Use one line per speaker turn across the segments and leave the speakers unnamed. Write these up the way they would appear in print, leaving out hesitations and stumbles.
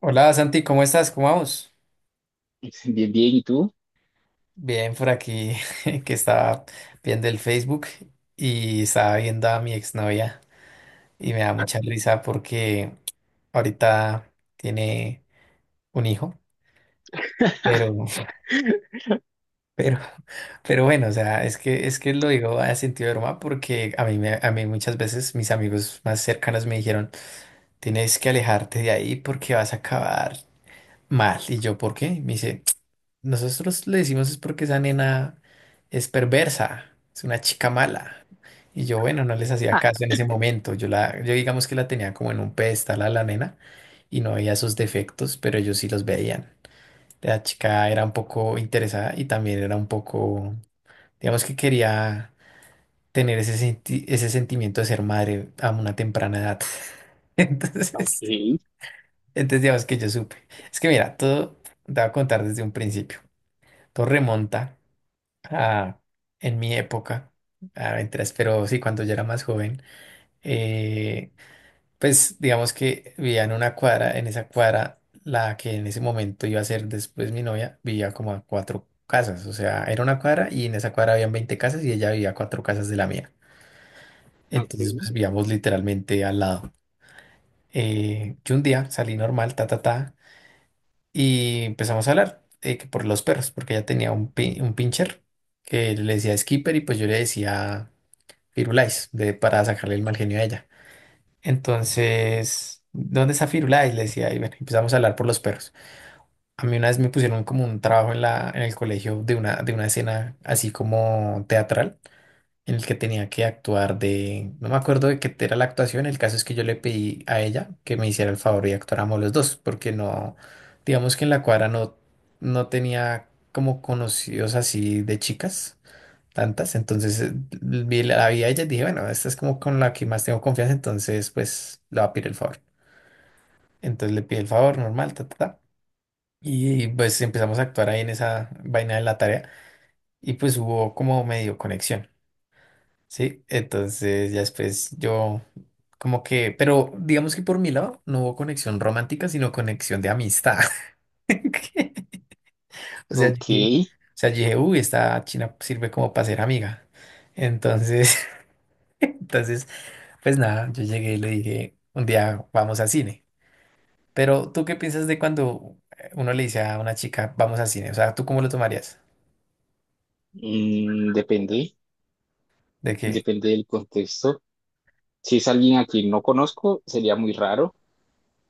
Hola Santi, ¿cómo estás? ¿Cómo vamos?
Bien, bien, ¿y tú?
Bien, por aquí que estaba viendo el Facebook y estaba viendo a mi exnovia y me da mucha risa porque ahorita tiene un hijo, pero, pero, pero bueno, o sea, es que lo digo a sentido de broma porque a mí, a mí muchas veces mis amigos más cercanos me dijeron, tienes que alejarte de ahí porque vas a acabar mal. Y yo, ¿por qué? Me dice. Nosotros le decimos es porque esa nena es perversa, es una chica mala. Y yo, bueno, no les hacía caso en ese momento. Yo digamos que la tenía como en un pedestal a la nena y no veía sus defectos, pero ellos sí los veían. La chica era un poco interesada y también era un poco, digamos que quería tener ese sentimiento de ser madre a una temprana edad.
Ok,
Entonces, digamos que yo supe. Es que mira, todo te voy a contar desde un principio. Todo remonta. ah, en mi época, mientras, pero sí, cuando yo era más joven, eh, pues digamos que vivía en una cuadra, en esa cuadra, la que en ese momento iba a ser después mi novia, vivía como a cuatro casas, o sea, era una cuadra y en esa cuadra habían 20 casas y ella vivía a cuatro casas de la mía. Entonces,
Ok.
pues vivíamos literalmente al lado. Yo un día salí normal, ta, ta, ta, y empezamos a hablar que por los perros, porque ella tenía un pincher que le decía Skipper y pues yo le decía... Firulais para sacarle el mal genio a ella. Entonces, ¿dónde está Firulais? Le decía, y bueno, empezamos a hablar por los perros. A mí una vez me pusieron como un trabajo en en el colegio de una escena así como teatral, en el que tenía que actuar no me acuerdo de qué era la actuación, el caso es que yo le pedí a ella que me hiciera el favor y actuáramos los dos, porque no, digamos que en la cuadra no tenía como conocidos así de chicas tantas. Entonces vi la la vi a ella y dije, bueno, esta es como con la que más tengo confianza, entonces pues le voy a pedir el favor. Entonces le pide el favor normal, ta, ta, ta. Y pues empezamos a actuar ahí en esa vaina de la tarea y pues hubo como medio conexión, ¿sí? Entonces ya después yo como que, pero digamos que por mi lado no hubo conexión romántica, sino conexión de amistad. O sea, yo
ok.
dije, o sea, yo dije, uy, esta china sirve como para ser amiga. Entonces... Entonces, pues nada, yo llegué y le dije, un día vamos a cine. Pero ¿tú qué piensas de cuando uno le dice a una chica, vamos a cine? O sea, ¿tú cómo lo tomarías?
Depende,
¿De qué?
Depende del contexto. Si es alguien a quien no conozco, sería muy raro.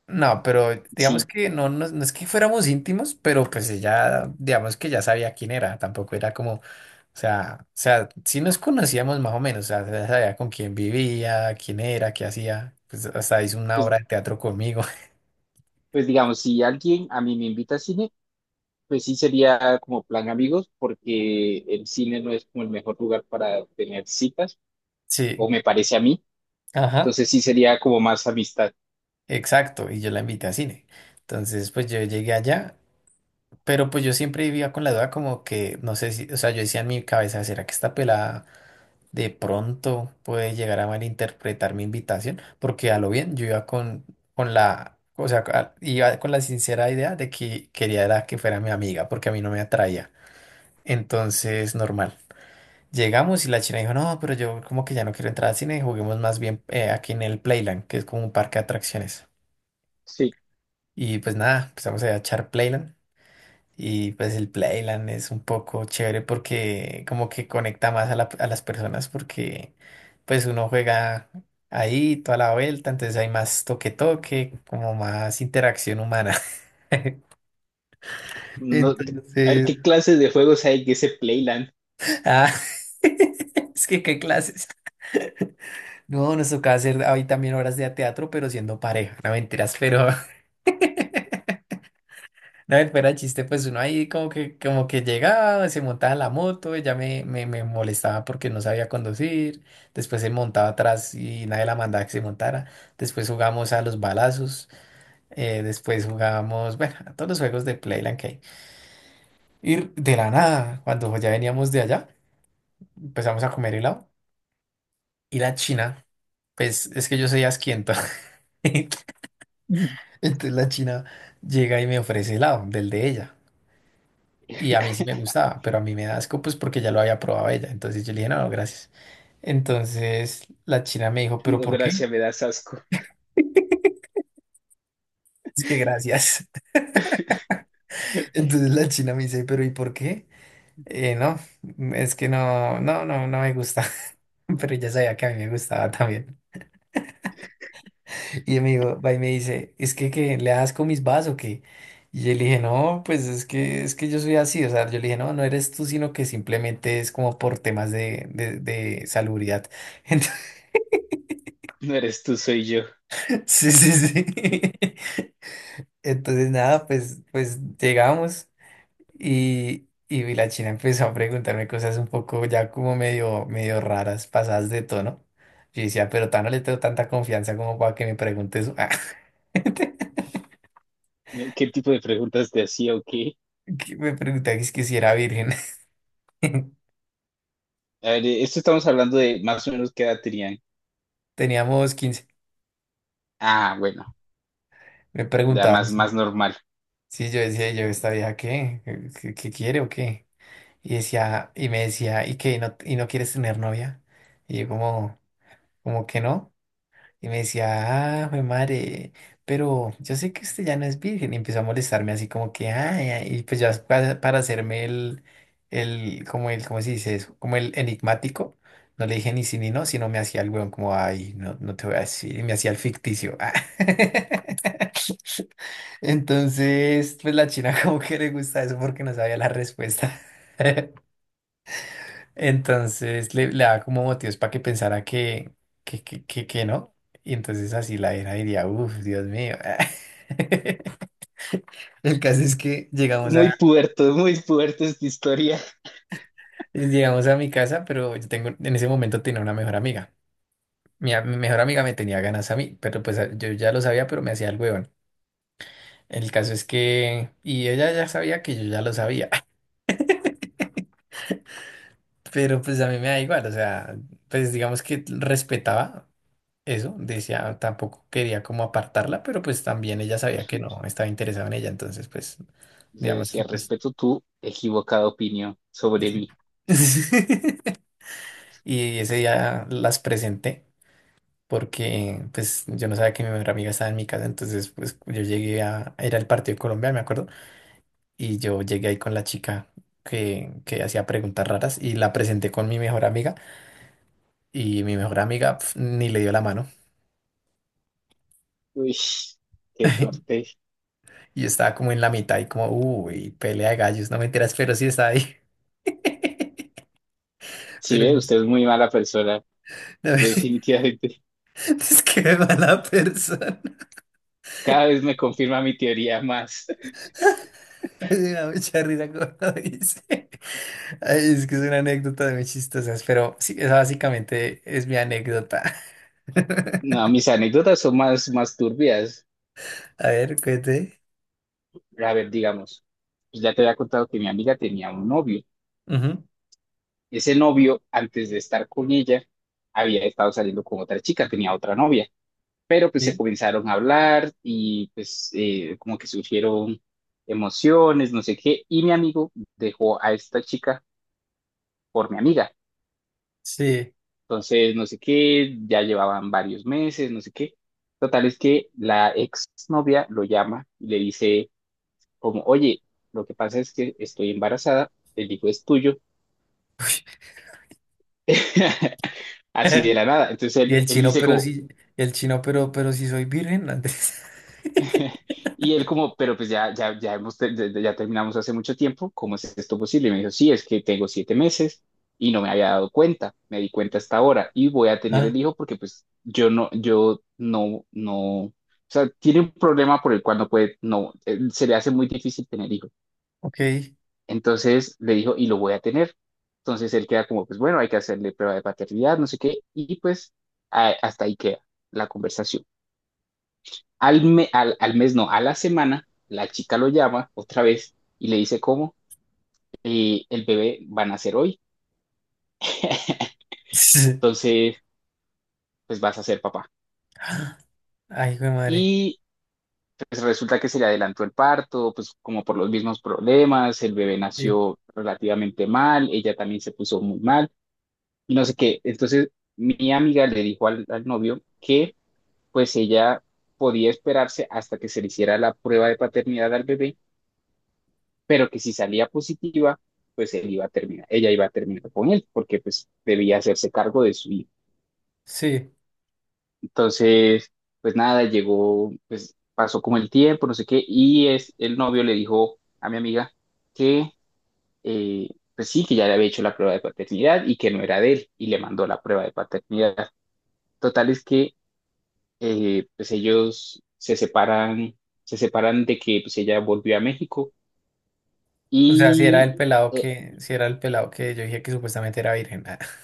No, pero digamos
Sí,
que no, no es que fuéramos íntimos, pero pues ella, digamos que ya sabía quién era, tampoco era como, o sea, sí nos conocíamos más o menos, o sea, ya sabía con quién vivía, quién era, qué hacía, pues hasta hizo una
pues,
obra de teatro conmigo.
pues digamos, si alguien a mí me invita a cine, pues sí sería como plan amigos, porque el cine no es como el mejor lugar para tener citas,
Sí,
o me parece a mí.
ajá.
Entonces sí sería como más amistad.
Exacto, y yo la invité a cine. Entonces, pues yo llegué allá, pero pues yo siempre vivía con la duda como que, no sé si, o sea, yo decía en mi cabeza, ¿será que esta pelada de pronto puede llegar a malinterpretar mi invitación? Porque a lo bien, yo iba con la, o sea, iba con la sincera idea de que quería era que fuera mi amiga, porque a mí no me atraía. Entonces, normal. Llegamos y la china dijo, no, pero yo como que ya no quiero entrar al cine, juguemos más bien aquí en el Playland, que es como un parque de atracciones.
Sí,
Y pues nada, empezamos a echar Playland. Y pues el Playland es un poco chévere porque como que conecta más a las personas porque pues uno juega ahí toda la vuelta, entonces hay más toque toque, como más interacción humana.
no, a ver
Entonces,
qué clases de juegos hay en ese Playland.
ah, es que qué clases. No, nos tocaba hacer ahí también horas de teatro, pero siendo pareja, no mentiras, pero no, y fuera de chiste, pues uno ahí como que llegaba, se montaba en la moto, ella me molestaba porque no sabía conducir, después se montaba atrás y nadie la mandaba que se montara, después jugamos a los balazos, después jugamos, bueno, a todos los juegos de Playland que hay. Y de la nada, cuando ya veníamos de allá, empezamos a comer helado y la china, pues es que yo soy asquiento, entonces la china llega y me ofrece helado del de ella. Y a mí sí me gustaba, pero a mí me da asco pues porque ya lo había probado ella. Entonces yo le dije, no, no, gracias. Entonces la china me dijo, ¿pero
No,
por qué?
gracias, me das asco.
Es que gracias. Entonces la china me dice, ¿pero y por qué? "Eh, no, es que no, no me gusta. Pero ella sabía que a mí me gustaba también. Y me dijo, va y me dice, ¿es que le das con mis vas o qué? Y yo le dije, no, pues es que yo soy así. O sea, yo le dije, no, no eres tú, sino que simplemente es como por temas de salubridad.
No eres tú, soy yo.
Sí, sí, sí. Entonces, nada, pues llegamos y la china empezó a preguntarme cosas un poco ya como medio, medio raras, pasadas de tono. Yo decía, pero tan no le tengo tanta confianza como para que me pregunte eso. Ah,
¿Qué tipo de preguntas te hacía o qué?
que me preguntaba que es que si era virgen.
A ver, esto estamos hablando de más o menos qué edad tenían.
Teníamos 15,
Ah, bueno,
me
ya
preguntaba
más,
eso.
más normal.
Sí, yo decía, yo, ¿esta vieja qué? ¿Qué quiere o qué? Y me decía, ¿y qué? ¿Y no quieres tener novia? Y yo como, como que no. Y me decía, ah, jue madre, pero yo sé que usted ya no es virgen. Y empezó a molestarme así como que, ay, ay, y pues ya para hacerme como el, ¿cómo se dice eso? Como el enigmático. No le dije ni sí ni no, sino me hacía el weón como, ay, no, no te voy a decir. Y me hacía el ficticio. Ah. Entonces, pues la china como que le gusta eso porque no sabía la respuesta. Entonces le daba como motivos para que pensara que, que no. Y entonces así la era diría, uff, Dios mío. El caso es que llegamos a,
Muy puerto esta historia.
mi casa, pero en ese momento tenía una mejor amiga. Mi mejor amiga me tenía ganas a mí, pero pues yo ya lo sabía, pero me hacía el huevón. El caso es que, y ella ya sabía que yo ya lo sabía, pero pues a mí me da igual, o sea, pues digamos que respetaba eso, decía, tampoco quería como apartarla, pero pues también ella sabía que no estaba interesado en ella, entonces pues
Le
digamos que
decía,
pues
respeto tu equivocada opinión sobre
sí.
mí.
Y ese día las presenté porque pues yo no sabía que mi mejor amiga estaba en mi casa, entonces pues era el partido de Colombia, me acuerdo, y yo llegué ahí con la chica que hacía preguntas raras y la presenté con mi mejor amiga y mi mejor amiga pf, ni le dio la mano.
Uy, qué fuerte.
Y yo estaba como en la mitad y como, uy, pelea de gallos, no me enteras, pero sí está ahí.
Sí,
Pero
ve,
sí-
usted es muy mala persona,
no,
definitivamente.
es que es mala persona.
Cada vez me confirma mi teoría más.
Me da mucha risa cuando lo dice. Ay, es que es una anécdota de muy chistosas, pero sí, esa básicamente es mi anécdota.
No, mis anécdotas son más, más turbias.
A ver, cuente.
A ver, digamos, pues ya te había contado que mi amiga tenía un novio.
Ujú,
Ese novio, antes de estar con ella, había estado saliendo con otra chica, tenía otra novia, pero pues se
sí.
comenzaron a hablar y pues como que surgieron emociones, no sé qué, y mi amigo dejó a esta chica por mi amiga.
Sí.
Entonces, no sé qué, ya llevaban varios meses, no sé qué. Total es que la ex novia lo llama y le dice como, oye, lo que pasa es que estoy embarazada, el hijo es tuyo. Así de la nada. Entonces
Y
él,
el
él
chino,
dice
pero
como,
sí, y el chino, pero sí soy virgen antes.
Y él como, pero pues ya, ya, ya, hemos, te- ya ya terminamos hace mucho tiempo, ¿cómo es esto posible? Y me dijo, sí, es que tengo 7 meses y no me había dado cuenta, me di cuenta hasta ahora y voy a tener
Ah,
el hijo porque pues yo no, yo no, no, o sea, tiene un problema por el cual no puede, no, se le hace muy difícil tener hijo.
ok.
Entonces le dijo, y lo voy a tener. Entonces él queda como, pues bueno, hay que hacerle prueba de paternidad, no sé qué, y pues hasta ahí queda la conversación. Al mes, no, a la semana, la chica lo llama otra vez y le dice cómo el bebé va a nacer hoy, entonces pues vas a ser papá.
Ay, hijo de madre.
Y pues resulta que se le adelantó el parto, pues como por los mismos problemas, el bebé
Sí,
nació relativamente mal, ella también se puso muy mal y no sé qué. Entonces mi amiga le dijo al novio que pues ella podía esperarse hasta que se le hiciera la prueba de paternidad al bebé pero que si salía positiva, pues él iba a terminar, ella iba a terminar con él, porque pues debía hacerse cargo de su hijo.
sí.
Entonces, pues nada, llegó, pues pasó como el tiempo, no sé qué, el novio le dijo a mi amiga que, eh, pues sí, que ya le había hecho la prueba de paternidad y que no era de él, y le mandó la prueba de paternidad. Total es que, pues ellos se separan de que pues ella volvió a México
O sea, si era
y...
el pelado
eh,
que, si era el pelado que yo dije que supuestamente era virgen. Ah,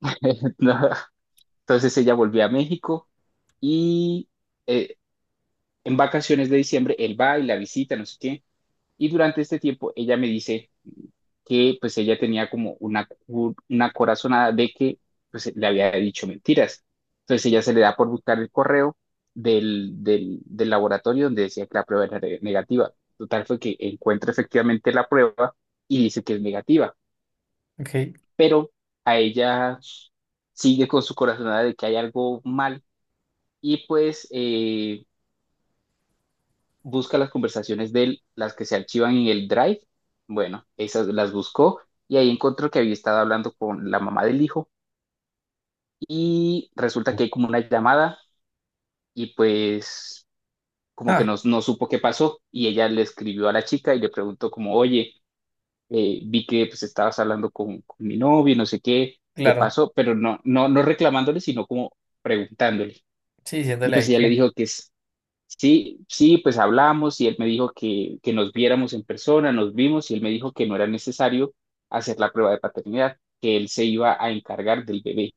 no, Entonces ella volvió a México y eh, en vacaciones de diciembre él va y la visita, no sé qué. Y durante este tiempo ella me dice que pues ella tenía como una, una corazonada de que pues le había dicho mentiras. Entonces ella se le da por buscar el correo del laboratorio donde decía que la prueba era negativa. Total fue que encuentra efectivamente la prueba y dice que es negativa,
ok.
pero a ella sigue con su corazonada de que hay algo mal y pues busca las conversaciones de él, las que se archivan en el Drive. Bueno, esas las buscó y ahí encontró que había estado hablando con la mamá del hijo y resulta
Uf.
que hay como una llamada y pues como que
Ah,
no, no supo qué pasó y ella le escribió a la chica y le preguntó como, oye, vi que pues estabas hablando con mi novio, y no sé qué, qué
claro.
pasó, pero no, no, no reclamándole, sino como preguntándole.
Sí,
Y
diciéndole
pues
ahí
ella le
que.
dijo que, sí, sí, pues hablamos y él me dijo que nos viéramos en persona, nos vimos y él me dijo que no era necesario hacer la prueba de paternidad, que él se iba a encargar del bebé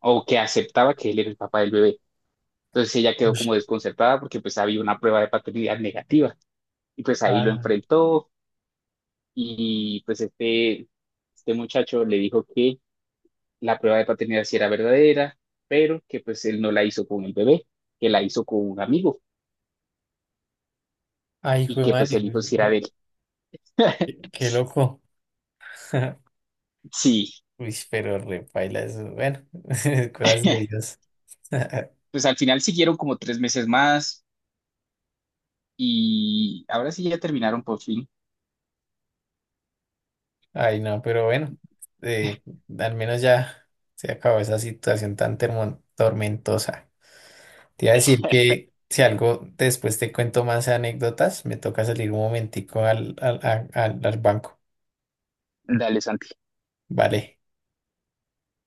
o que aceptaba que él era el papá del bebé. Entonces ella quedó como
Ush,
desconcertada porque pues había una prueba de paternidad negativa y pues ahí lo
ah,
enfrentó y pues este muchacho le dijo que la prueba de paternidad sí era verdadera, pero que pues él no la hizo con el bebé, que la hizo con un amigo
ay,
y
jue
que pues
madre.
el hijo sí era de él.
Qué qué loco.
Sí.
Uy, pero repaila eso. Bueno, cosas de Dios.
Pues al final siguieron como 3 meses más y ahora sí ya terminaron por fin.
Ay, no, pero bueno. eh, al menos ya se acabó esa situación tan tormentosa. Te iba a decir que si algo después te cuento más anécdotas, me toca salir un momentico al, al banco.
Mm. Dale,
Vale.